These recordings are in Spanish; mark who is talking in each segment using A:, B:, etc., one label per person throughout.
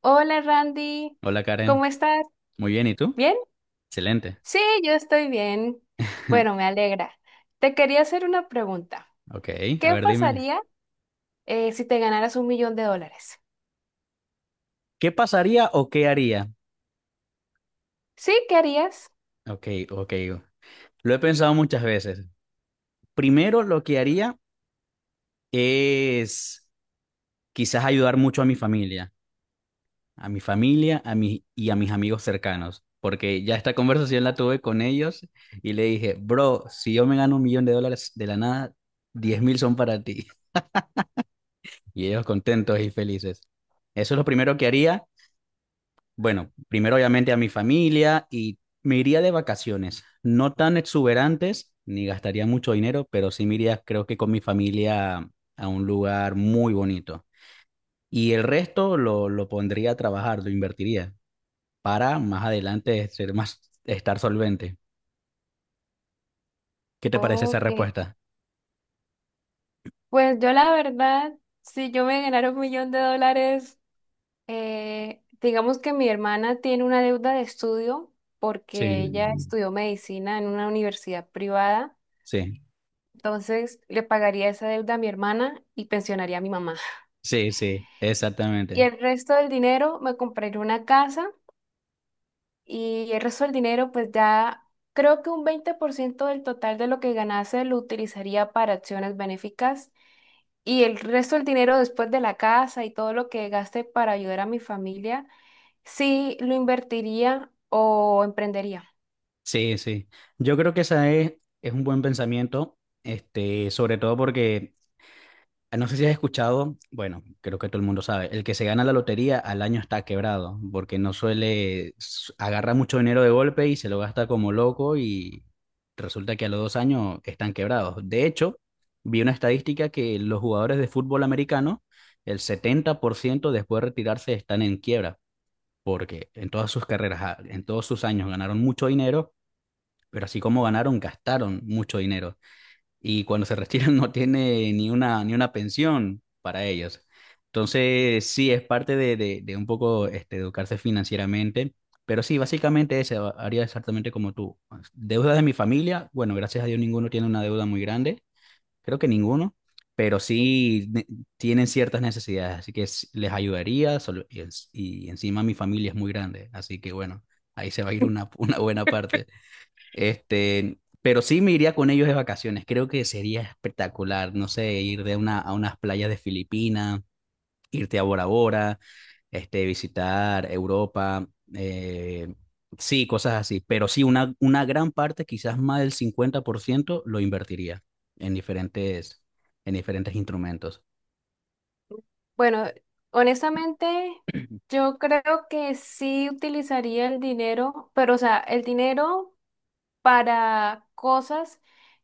A: Hola Randy,
B: Hola Karen,
A: ¿cómo estás?
B: muy bien, ¿y tú?
A: ¿Bien?
B: Excelente.
A: Sí, yo estoy bien. Bueno, me alegra. Te quería hacer una pregunta.
B: Ok, a
A: ¿Qué
B: ver, dime,
A: pasaría si te ganaras 1 millón de dólares?
B: ¿qué pasaría o qué haría?
A: ¿Sí? ¿Qué harías?
B: Ok, ok, lo he pensado muchas veces. Primero, lo que haría es quizás ayudar mucho a mi familia, y a mis amigos cercanos, porque ya esta conversación la tuve con ellos y le dije, bro, si yo me gano 1 millón de dólares de la nada, 10.000 son para ti. Y ellos contentos y felices. Eso es lo primero que haría. Bueno, primero obviamente a mi familia y me iría de vacaciones, no tan exuberantes, ni gastaría mucho dinero, pero sí me iría creo que con mi familia a un lugar muy bonito. Y el resto lo pondría a trabajar, lo invertiría para más adelante estar solvente. ¿Qué te parece esa
A: Ok.
B: respuesta?
A: Pues yo la verdad, si yo me ganara 1 millón de dólares, digamos que mi hermana tiene una deuda de estudio
B: Sí.
A: porque ella
B: Mm.
A: estudió medicina en una universidad privada.
B: Sí,
A: Entonces le pagaría esa deuda a mi hermana y pensionaría a mi mamá.
B: sí, sí,
A: Y
B: exactamente.
A: el resto del dinero me compraré una casa, y el resto del dinero pues ya creo que un 20% del total de lo que ganase lo utilizaría para acciones benéficas, y el resto del dinero, después de la casa y todo lo que gaste para ayudar a mi familia, sí lo invertiría o emprendería.
B: Sí, sí. Yo creo que esa es un buen pensamiento, este, sobre todo porque, ah, no sé si has escuchado, bueno, creo que todo el mundo sabe, el que se gana la lotería al año está quebrado, porque no suele, agarra mucho dinero de golpe y se lo gasta como loco y resulta que a los 2 años están quebrados. De hecho, vi una estadística que los jugadores de fútbol americano, el 70% después de retirarse están en quiebra, porque en todas sus carreras, ah, en todos sus años ganaron mucho dinero, pero así como ganaron, gastaron mucho dinero y cuando se retiran no tiene ni una pensión para ellos. Entonces, sí, es parte de un poco este, educarse financieramente, pero sí, básicamente haría exactamente como tú. Deudas de mi familia, bueno, gracias a Dios ninguno tiene una deuda muy grande, creo que ninguno, pero sí tienen ciertas necesidades, así que les ayudaría y encima mi familia es muy grande, así que bueno, ahí se va a ir una, una buena parte. Este, pero sí me iría con ellos de vacaciones. Creo que sería espectacular, no sé, ir a unas playas de Filipinas, irte a Bora Bora, este, visitar Europa, eh, sí, cosas así. Pero sí, una gran parte, quizás más del 50%, lo invertiría en diferentes, en diferentes instrumentos.
A: Bueno, honestamente, yo creo que sí utilizaría el dinero, pero o sea, el dinero para cosas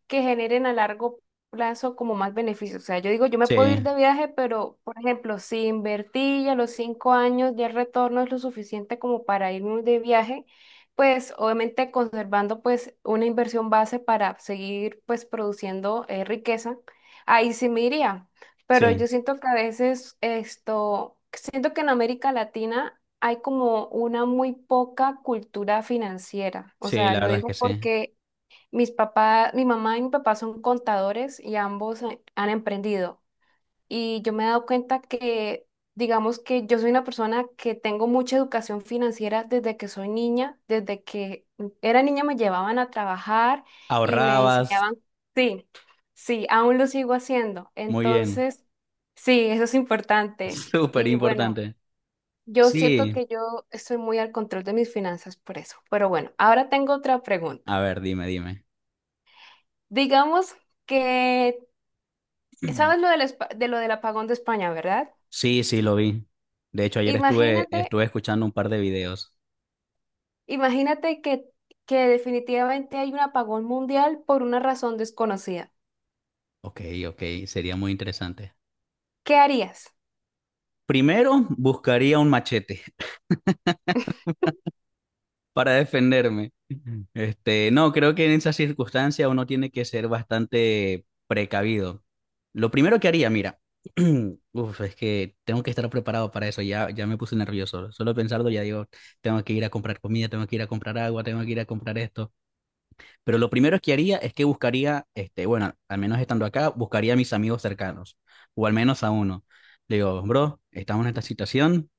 A: que generen a largo plazo como más beneficios. O sea, yo digo, yo me puedo ir
B: Sí,
A: de viaje, pero, por ejemplo, si invertí y a los 5 años ya el retorno es lo suficiente como para irme de viaje, pues obviamente conservando pues una inversión base para seguir pues produciendo riqueza, ahí sí me iría. Pero
B: sí,
A: yo siento que a veces esto, siento que en América Latina hay como una muy poca cultura financiera. O
B: sí,
A: sea,
B: la
A: lo
B: verdad es que
A: digo
B: sí.
A: porque mis papás, mi mamá y mi papá son contadores y ambos han emprendido. Y yo me he dado cuenta que, digamos que yo soy una persona que tengo mucha educación financiera desde que soy niña, desde que era niña me llevaban a trabajar y me
B: Ahorrabas,
A: enseñaban, sí, sí, aún lo sigo haciendo.
B: muy bien,
A: Entonces, sí, eso es importante.
B: súper
A: Y bueno.
B: importante.
A: Yo siento
B: Sí,
A: que yo estoy muy al control de mis finanzas por eso. Pero bueno, ahora tengo otra pregunta.
B: a ver, dime, dime.
A: Digamos que, ¿sabes de lo del apagón de España, verdad?
B: Sí, sí, lo vi. De hecho, ayer estuve,
A: Imagínate,
B: estuve escuchando un par de videos.
A: imagínate que definitivamente hay un apagón mundial por una razón desconocida.
B: Ok, ok, sería muy interesante.
A: ¿Qué harías?
B: Primero, buscaría un machete para defenderme. Este, no, creo que en esas circunstancias uno tiene que ser bastante precavido. Lo primero que haría, mira, uf, es que tengo que estar preparado para eso. Ya, ya me puse nervioso. Solo pensarlo ya digo, tengo que ir a comprar comida, tengo que ir a comprar agua, tengo que ir a comprar esto. Pero lo primero que haría es que buscaría, este, bueno, al menos estando acá, buscaría a mis amigos cercanos, o al menos a uno. Le digo, bro, estamos en esta situación,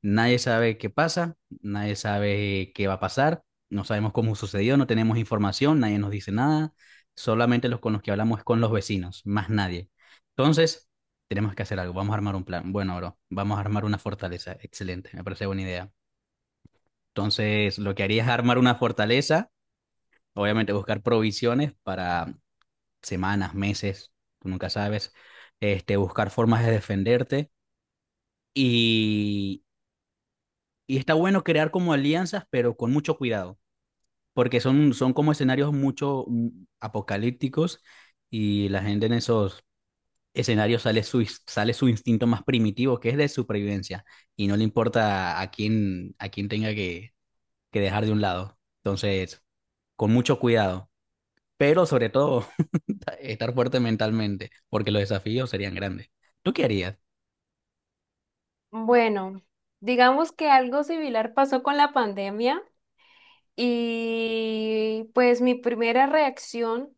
B: nadie sabe qué pasa, nadie sabe qué va a pasar, no sabemos cómo sucedió, no tenemos información, nadie nos dice nada, solamente los con los que hablamos es con los vecinos, más nadie. Entonces, tenemos que hacer algo, vamos a armar un plan. Bueno, bro, vamos a armar una fortaleza, excelente, me parece buena idea. Entonces, lo que haría es armar una fortaleza, obviamente buscar provisiones para semanas, meses, tú nunca sabes, este, buscar formas de defenderte y, y está bueno crear como alianzas, pero con mucho cuidado, porque son como escenarios mucho apocalípticos, y la gente en esos escenarios sale su instinto más primitivo, que es de supervivencia, y no le importa a quién tenga que dejar de un lado. Entonces, con mucho cuidado, pero sobre todo estar fuerte mentalmente, porque los desafíos serían grandes. ¿Tú qué harías?
A: Bueno, digamos que algo similar pasó con la pandemia. Y pues mi primera reacción,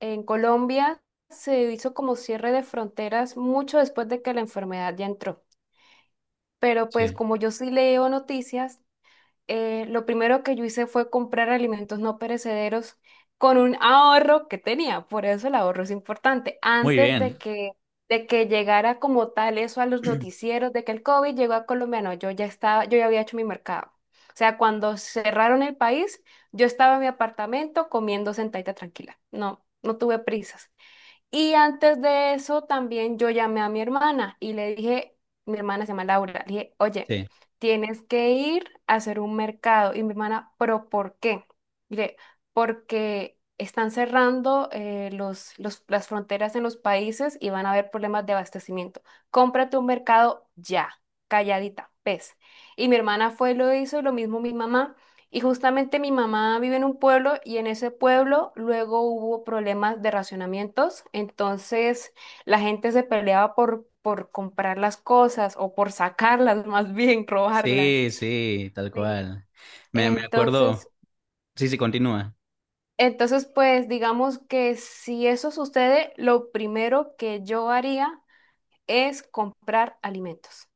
A: en Colombia se hizo como cierre de fronteras mucho después de que la enfermedad ya entró. Pero pues
B: Sí.
A: como yo sí leo noticias, lo primero que yo hice fue comprar alimentos no perecederos con un ahorro que tenía. Por eso el ahorro es importante.
B: Muy
A: Antes de
B: bien.
A: que, de que llegara como tal eso a los noticieros de que el COVID llegó a Colombia, no, yo ya había hecho mi mercado. O sea, cuando cerraron el país, yo estaba en mi apartamento comiendo sentadita tranquila. No, no tuve prisas. Y antes de eso también yo llamé a mi hermana y le dije, mi hermana se llama Laura, le dije, oye,
B: Sí.
A: tienes que ir a hacer un mercado. Y mi hermana, pero ¿por qué? Mire, porque están cerrando las fronteras en los países y van a haber problemas de abastecimiento. Cómprate un mercado ya, calladita, pez. Y mi hermana fue, lo hizo, y lo mismo mi mamá. Y justamente mi mamá vive en un pueblo y en ese pueblo luego hubo problemas de racionamientos, entonces la gente se peleaba por comprar las cosas o por sacarlas, más bien robarlas.
B: Sí, sí, tal
A: Sí.
B: cual. Me
A: Entonces,
B: acuerdo. Sí, sí, continúa.
A: pues digamos que si eso sucede, lo primero que yo haría es comprar alimentos.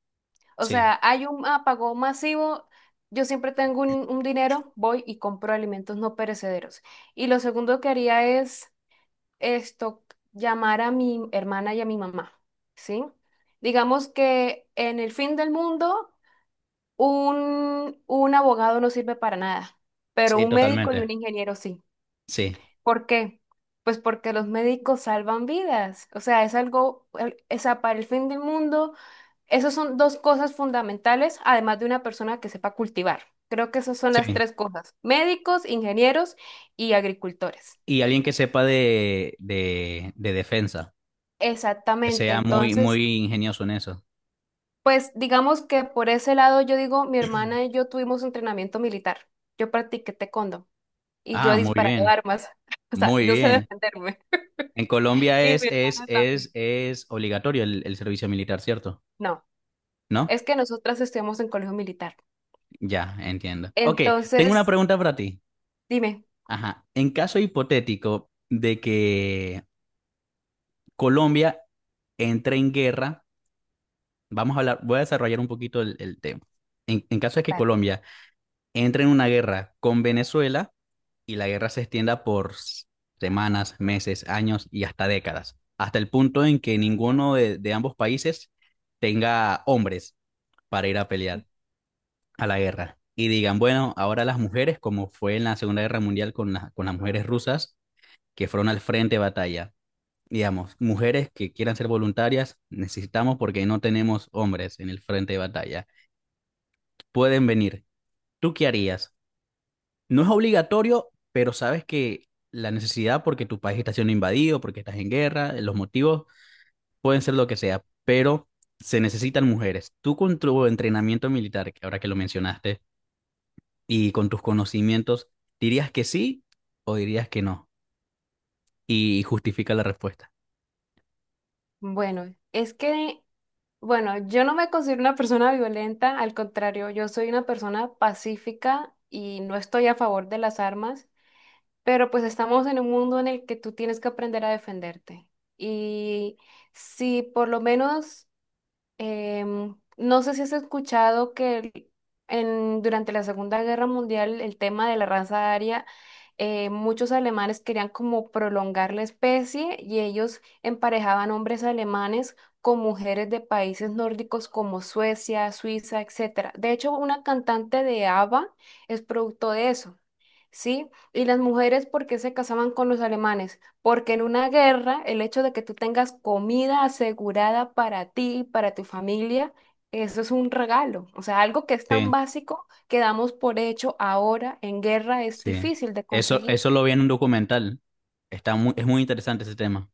A: O
B: Sí,
A: sea, hay un apagón masivo, yo siempre tengo un dinero, voy y compro alimentos no perecederos. Y lo segundo que haría es esto, llamar a mi hermana y a mi mamá, ¿sí? Digamos que en el fin del mundo, un abogado no sirve para nada, pero
B: sí,
A: un médico y un
B: totalmente.
A: ingeniero sí.
B: Sí,
A: ¿Por qué? Pues porque los médicos salvan vidas. O sea, es algo, o sea, para el fin del mundo. Esas son dos cosas fundamentales, además de una persona que sepa cultivar. Creo que esas son las
B: sí.
A: tres cosas, médicos, ingenieros y agricultores.
B: Y alguien que sepa de defensa, que
A: Exactamente.
B: sea muy,
A: Entonces,
B: muy ingenioso en eso.
A: pues digamos que por ese lado yo digo, mi hermana y yo tuvimos entrenamiento militar. Yo practiqué taekwondo y yo he
B: Ah, muy
A: disparado
B: bien,
A: armas, o sea,
B: muy
A: yo sé
B: bien.
A: defenderme
B: En Colombia
A: y
B: es,
A: mi
B: es,
A: hermana
B: es,
A: también.
B: es obligatorio el servicio militar, ¿cierto?
A: No,
B: ¿No?
A: es que nosotras estudiamos en colegio militar.
B: Ya, entiendo. Ok, tengo una
A: Entonces,
B: pregunta para ti.
A: dime,
B: Ajá. ¿En caso hipotético de que Colombia entra en guerra? Vamos a hablar, voy a desarrollar un poquito el tema. En caso de que
A: dale.
B: Colombia entre en una guerra con Venezuela y la guerra se extienda por semanas, meses, años y hasta décadas, hasta el punto en que ninguno de ambos países tenga hombres para ir a pelear a la guerra. Y digan, bueno, ahora las mujeres, como fue en la Segunda Guerra Mundial con las mujeres rusas, que fueron al frente de batalla, digamos, mujeres que quieran ser voluntarias, necesitamos porque no tenemos hombres en el frente de batalla. Pueden venir. ¿Tú qué harías? No es obligatorio, pero sabes que la necesidad porque tu país está siendo invadido, porque estás en guerra, los motivos pueden ser lo que sea, pero se necesitan mujeres. Tú, con tu entrenamiento militar, que ahora que lo mencionaste, y con tus conocimientos, ¿dirías que sí o dirías que no? Y justifica la respuesta.
A: Bueno, es que Bueno, yo no me considero una persona violenta, al contrario, yo soy una persona pacífica y no estoy a favor de las armas, pero pues estamos en un mundo en el que tú tienes que aprender a defenderte. Y si por lo menos no sé si has escuchado que durante la Segunda Guerra Mundial el tema de la raza aria, muchos alemanes querían como prolongar la especie y ellos emparejaban hombres alemanes con mujeres de países nórdicos como Suecia, Suiza, etcétera. De hecho, una cantante de ABBA es producto de eso, ¿sí? Y las mujeres, ¿por qué se casaban con los alemanes? Porque en una guerra, el hecho de que tú tengas comida asegurada para ti, para tu familia, eso es un regalo. O sea, algo que es tan
B: Sí.
A: básico que damos por hecho ahora en guerra es
B: Sí.
A: difícil de
B: Eso,
A: conseguir.
B: eso lo vi en un documental. Está muy, es muy interesante ese tema.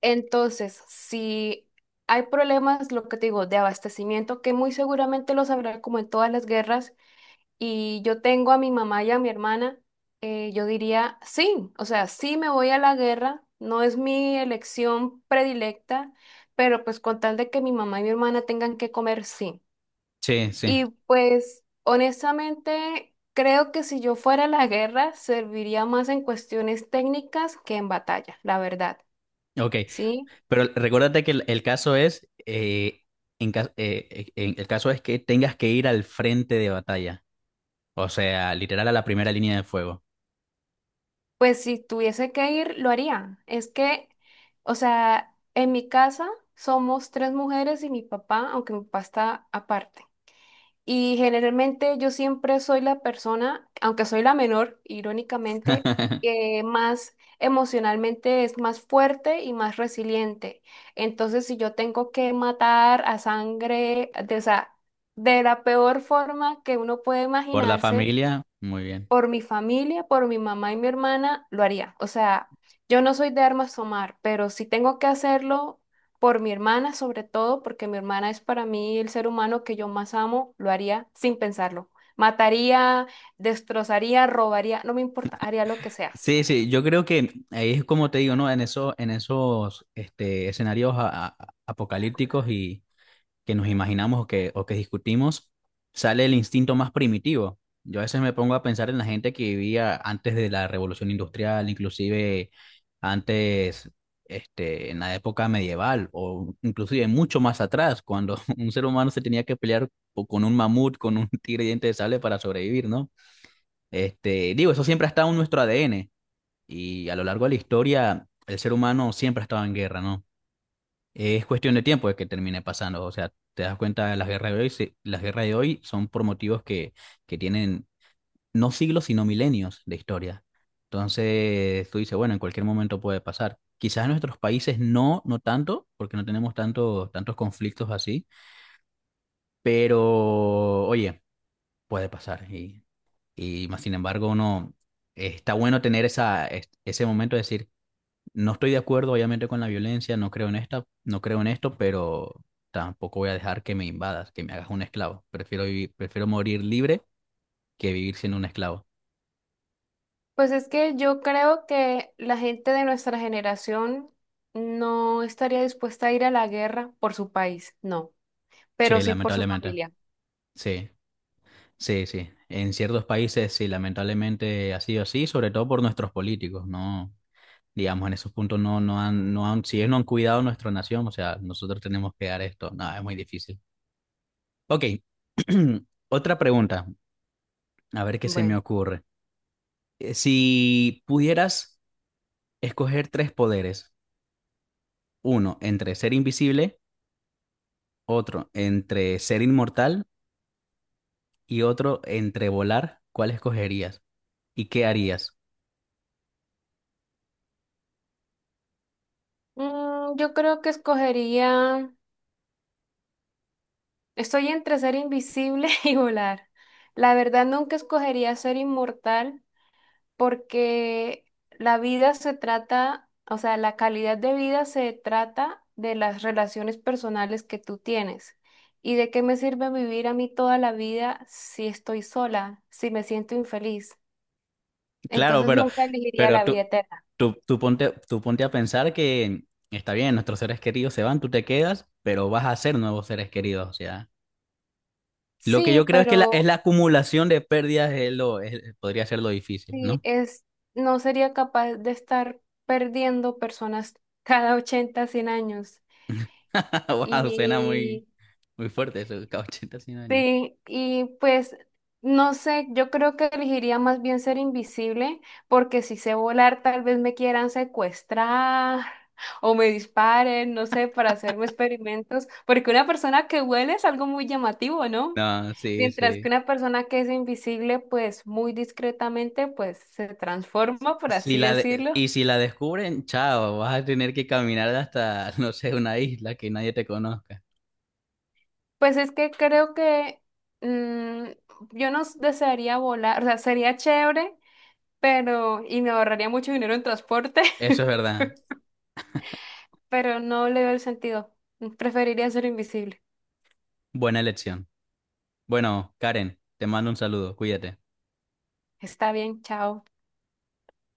A: Entonces, si hay problemas, lo que te digo, de abastecimiento, que muy seguramente los habrá como en todas las guerras, y yo tengo a mi mamá y a mi hermana, yo diría sí, o sea, sí me voy a la guerra, no es mi elección predilecta, pero pues con tal de que mi mamá y mi hermana tengan que comer, sí.
B: Sí, sí.
A: Y pues honestamente, creo que si yo fuera a la guerra, serviría más en cuestiones técnicas que en batalla, la verdad,
B: Ok.
A: ¿sí?
B: Pero recuérdate que el caso es, en ca- en- el caso es que tengas que ir al frente de batalla. O sea, literal a la primera línea de fuego.
A: Pues si tuviese que ir, lo haría. Es que, o sea, en mi casa somos tres mujeres y mi papá, aunque mi papá está aparte. Y generalmente yo siempre soy la persona, aunque soy la menor, irónicamente, que más emocionalmente es más fuerte y más resiliente. Entonces, si yo tengo que matar a sangre, de, o sea, de la peor forma que uno puede
B: Por la
A: imaginarse
B: familia, muy bien.
A: por mi familia, por mi mamá y mi hermana, lo haría. O sea, yo no soy de armas tomar, pero si tengo que hacerlo por mi hermana, sobre todo, porque mi hermana es para mí el ser humano que yo más amo, lo haría sin pensarlo. Mataría, destrozaría, robaría, no me importa, haría lo que sea.
B: Sí, sí, yo creo que ahí es como te digo, ¿no? En eso, en escenarios apocalípticos que nos imaginamos o que discutimos, sale el instinto más primitivo. Yo a veces me pongo a pensar en la gente que vivía antes de la revolución industrial, inclusive antes, este, en la época medieval o inclusive mucho más atrás, cuando un ser humano se tenía que pelear con un mamut, con un tigre diente de sable para sobrevivir, ¿no? Este, digo, eso siempre ha estado en nuestro ADN, y a lo largo de la historia el ser humano siempre ha estado en guerra, ¿no? Es cuestión de tiempo de que termine pasando. O sea, te das cuenta de las guerras de hoy. Se- las guerras de hoy son por motivos que tienen no siglos, sino milenios de historia. Entonces, tú dices, bueno, en cualquier momento puede pasar. Quizás en nuestros países no, no tanto, porque no tenemos tanto, tantos conflictos así, pero oye, puede pasar. Y más sin embargo, uno, está bueno tener esa, ese momento de decir, no estoy de acuerdo, obviamente, con la violencia, no creo en esta, no creo en esto, pero tampoco voy a dejar que me invadas, que me hagas un esclavo. Prefiero vivir, prefiero morir libre que vivir siendo un esclavo.
A: Pues es que yo creo que la gente de nuestra generación no estaría dispuesta a ir a la guerra por su país, no,
B: Sí,
A: pero sí por su
B: lamentablemente.
A: familia.
B: Sí, sí, sí. En ciertos países, sí, lamentablemente ha sido así, sobre todo por nuestros políticos, ¿no? Digamos, en esos puntos no, no han, si ellos no han cuidado nuestra nación, o sea, nosotros tenemos que dar esto. No, es muy difícil. Ok. Otra pregunta, a ver qué se me
A: Bueno,
B: ocurre. Si pudieras escoger tres poderes. Uno entre ser invisible, otro entre ser inmortal y otro entre volar. ¿Cuál escogerías? ¿Y qué harías?
A: yo creo que escogería. Estoy entre ser invisible y volar. La verdad, nunca escogería ser inmortal porque la vida se trata, o sea, la calidad de vida se trata de las relaciones personales que tú tienes. ¿Y de qué me sirve vivir a mí toda la vida si estoy sola, si me siento infeliz?
B: Claro,
A: Entonces nunca elegiría
B: pero
A: la vida
B: tú,
A: eterna.
B: tú ponte, tú ponte a pensar que está bien, nuestros seres queridos se van, tú te quedas, pero vas a ser nuevos seres queridos. O sea, lo que
A: Sí,
B: yo creo es que la, es
A: pero
B: la acumulación de pérdidas es lo, podría ser lo difícil,
A: sí,
B: ¿no?
A: es, no sería capaz de estar perdiendo personas cada 80, 100 años.
B: Wow, suena
A: Y
B: muy, muy fuerte eso, cada 80, 100 años.
A: sí, y pues no sé, yo creo que elegiría más bien ser invisible, porque si sé volar, tal vez me quieran secuestrar o me disparen, no sé, para hacerme experimentos, porque una persona que huele es algo muy llamativo, ¿no?
B: No, sí,
A: Mientras que
B: sí.
A: una persona que es invisible, pues muy discretamente, pues se transforma, por
B: Si
A: así
B: la de-
A: decirlo.
B: y si la descubren, chao, vas a tener que caminar hasta, no sé, una isla que nadie te conozca.
A: Pues es que creo que mm, yo no desearía volar, o sea, sería chévere pero, y me ahorraría mucho dinero en transporte,
B: Eso es verdad.
A: pero no le veo el sentido. Preferiría ser invisible.
B: Buena elección. Bueno, Karen, te mando un saludo, cuídate.
A: Está bien, chao.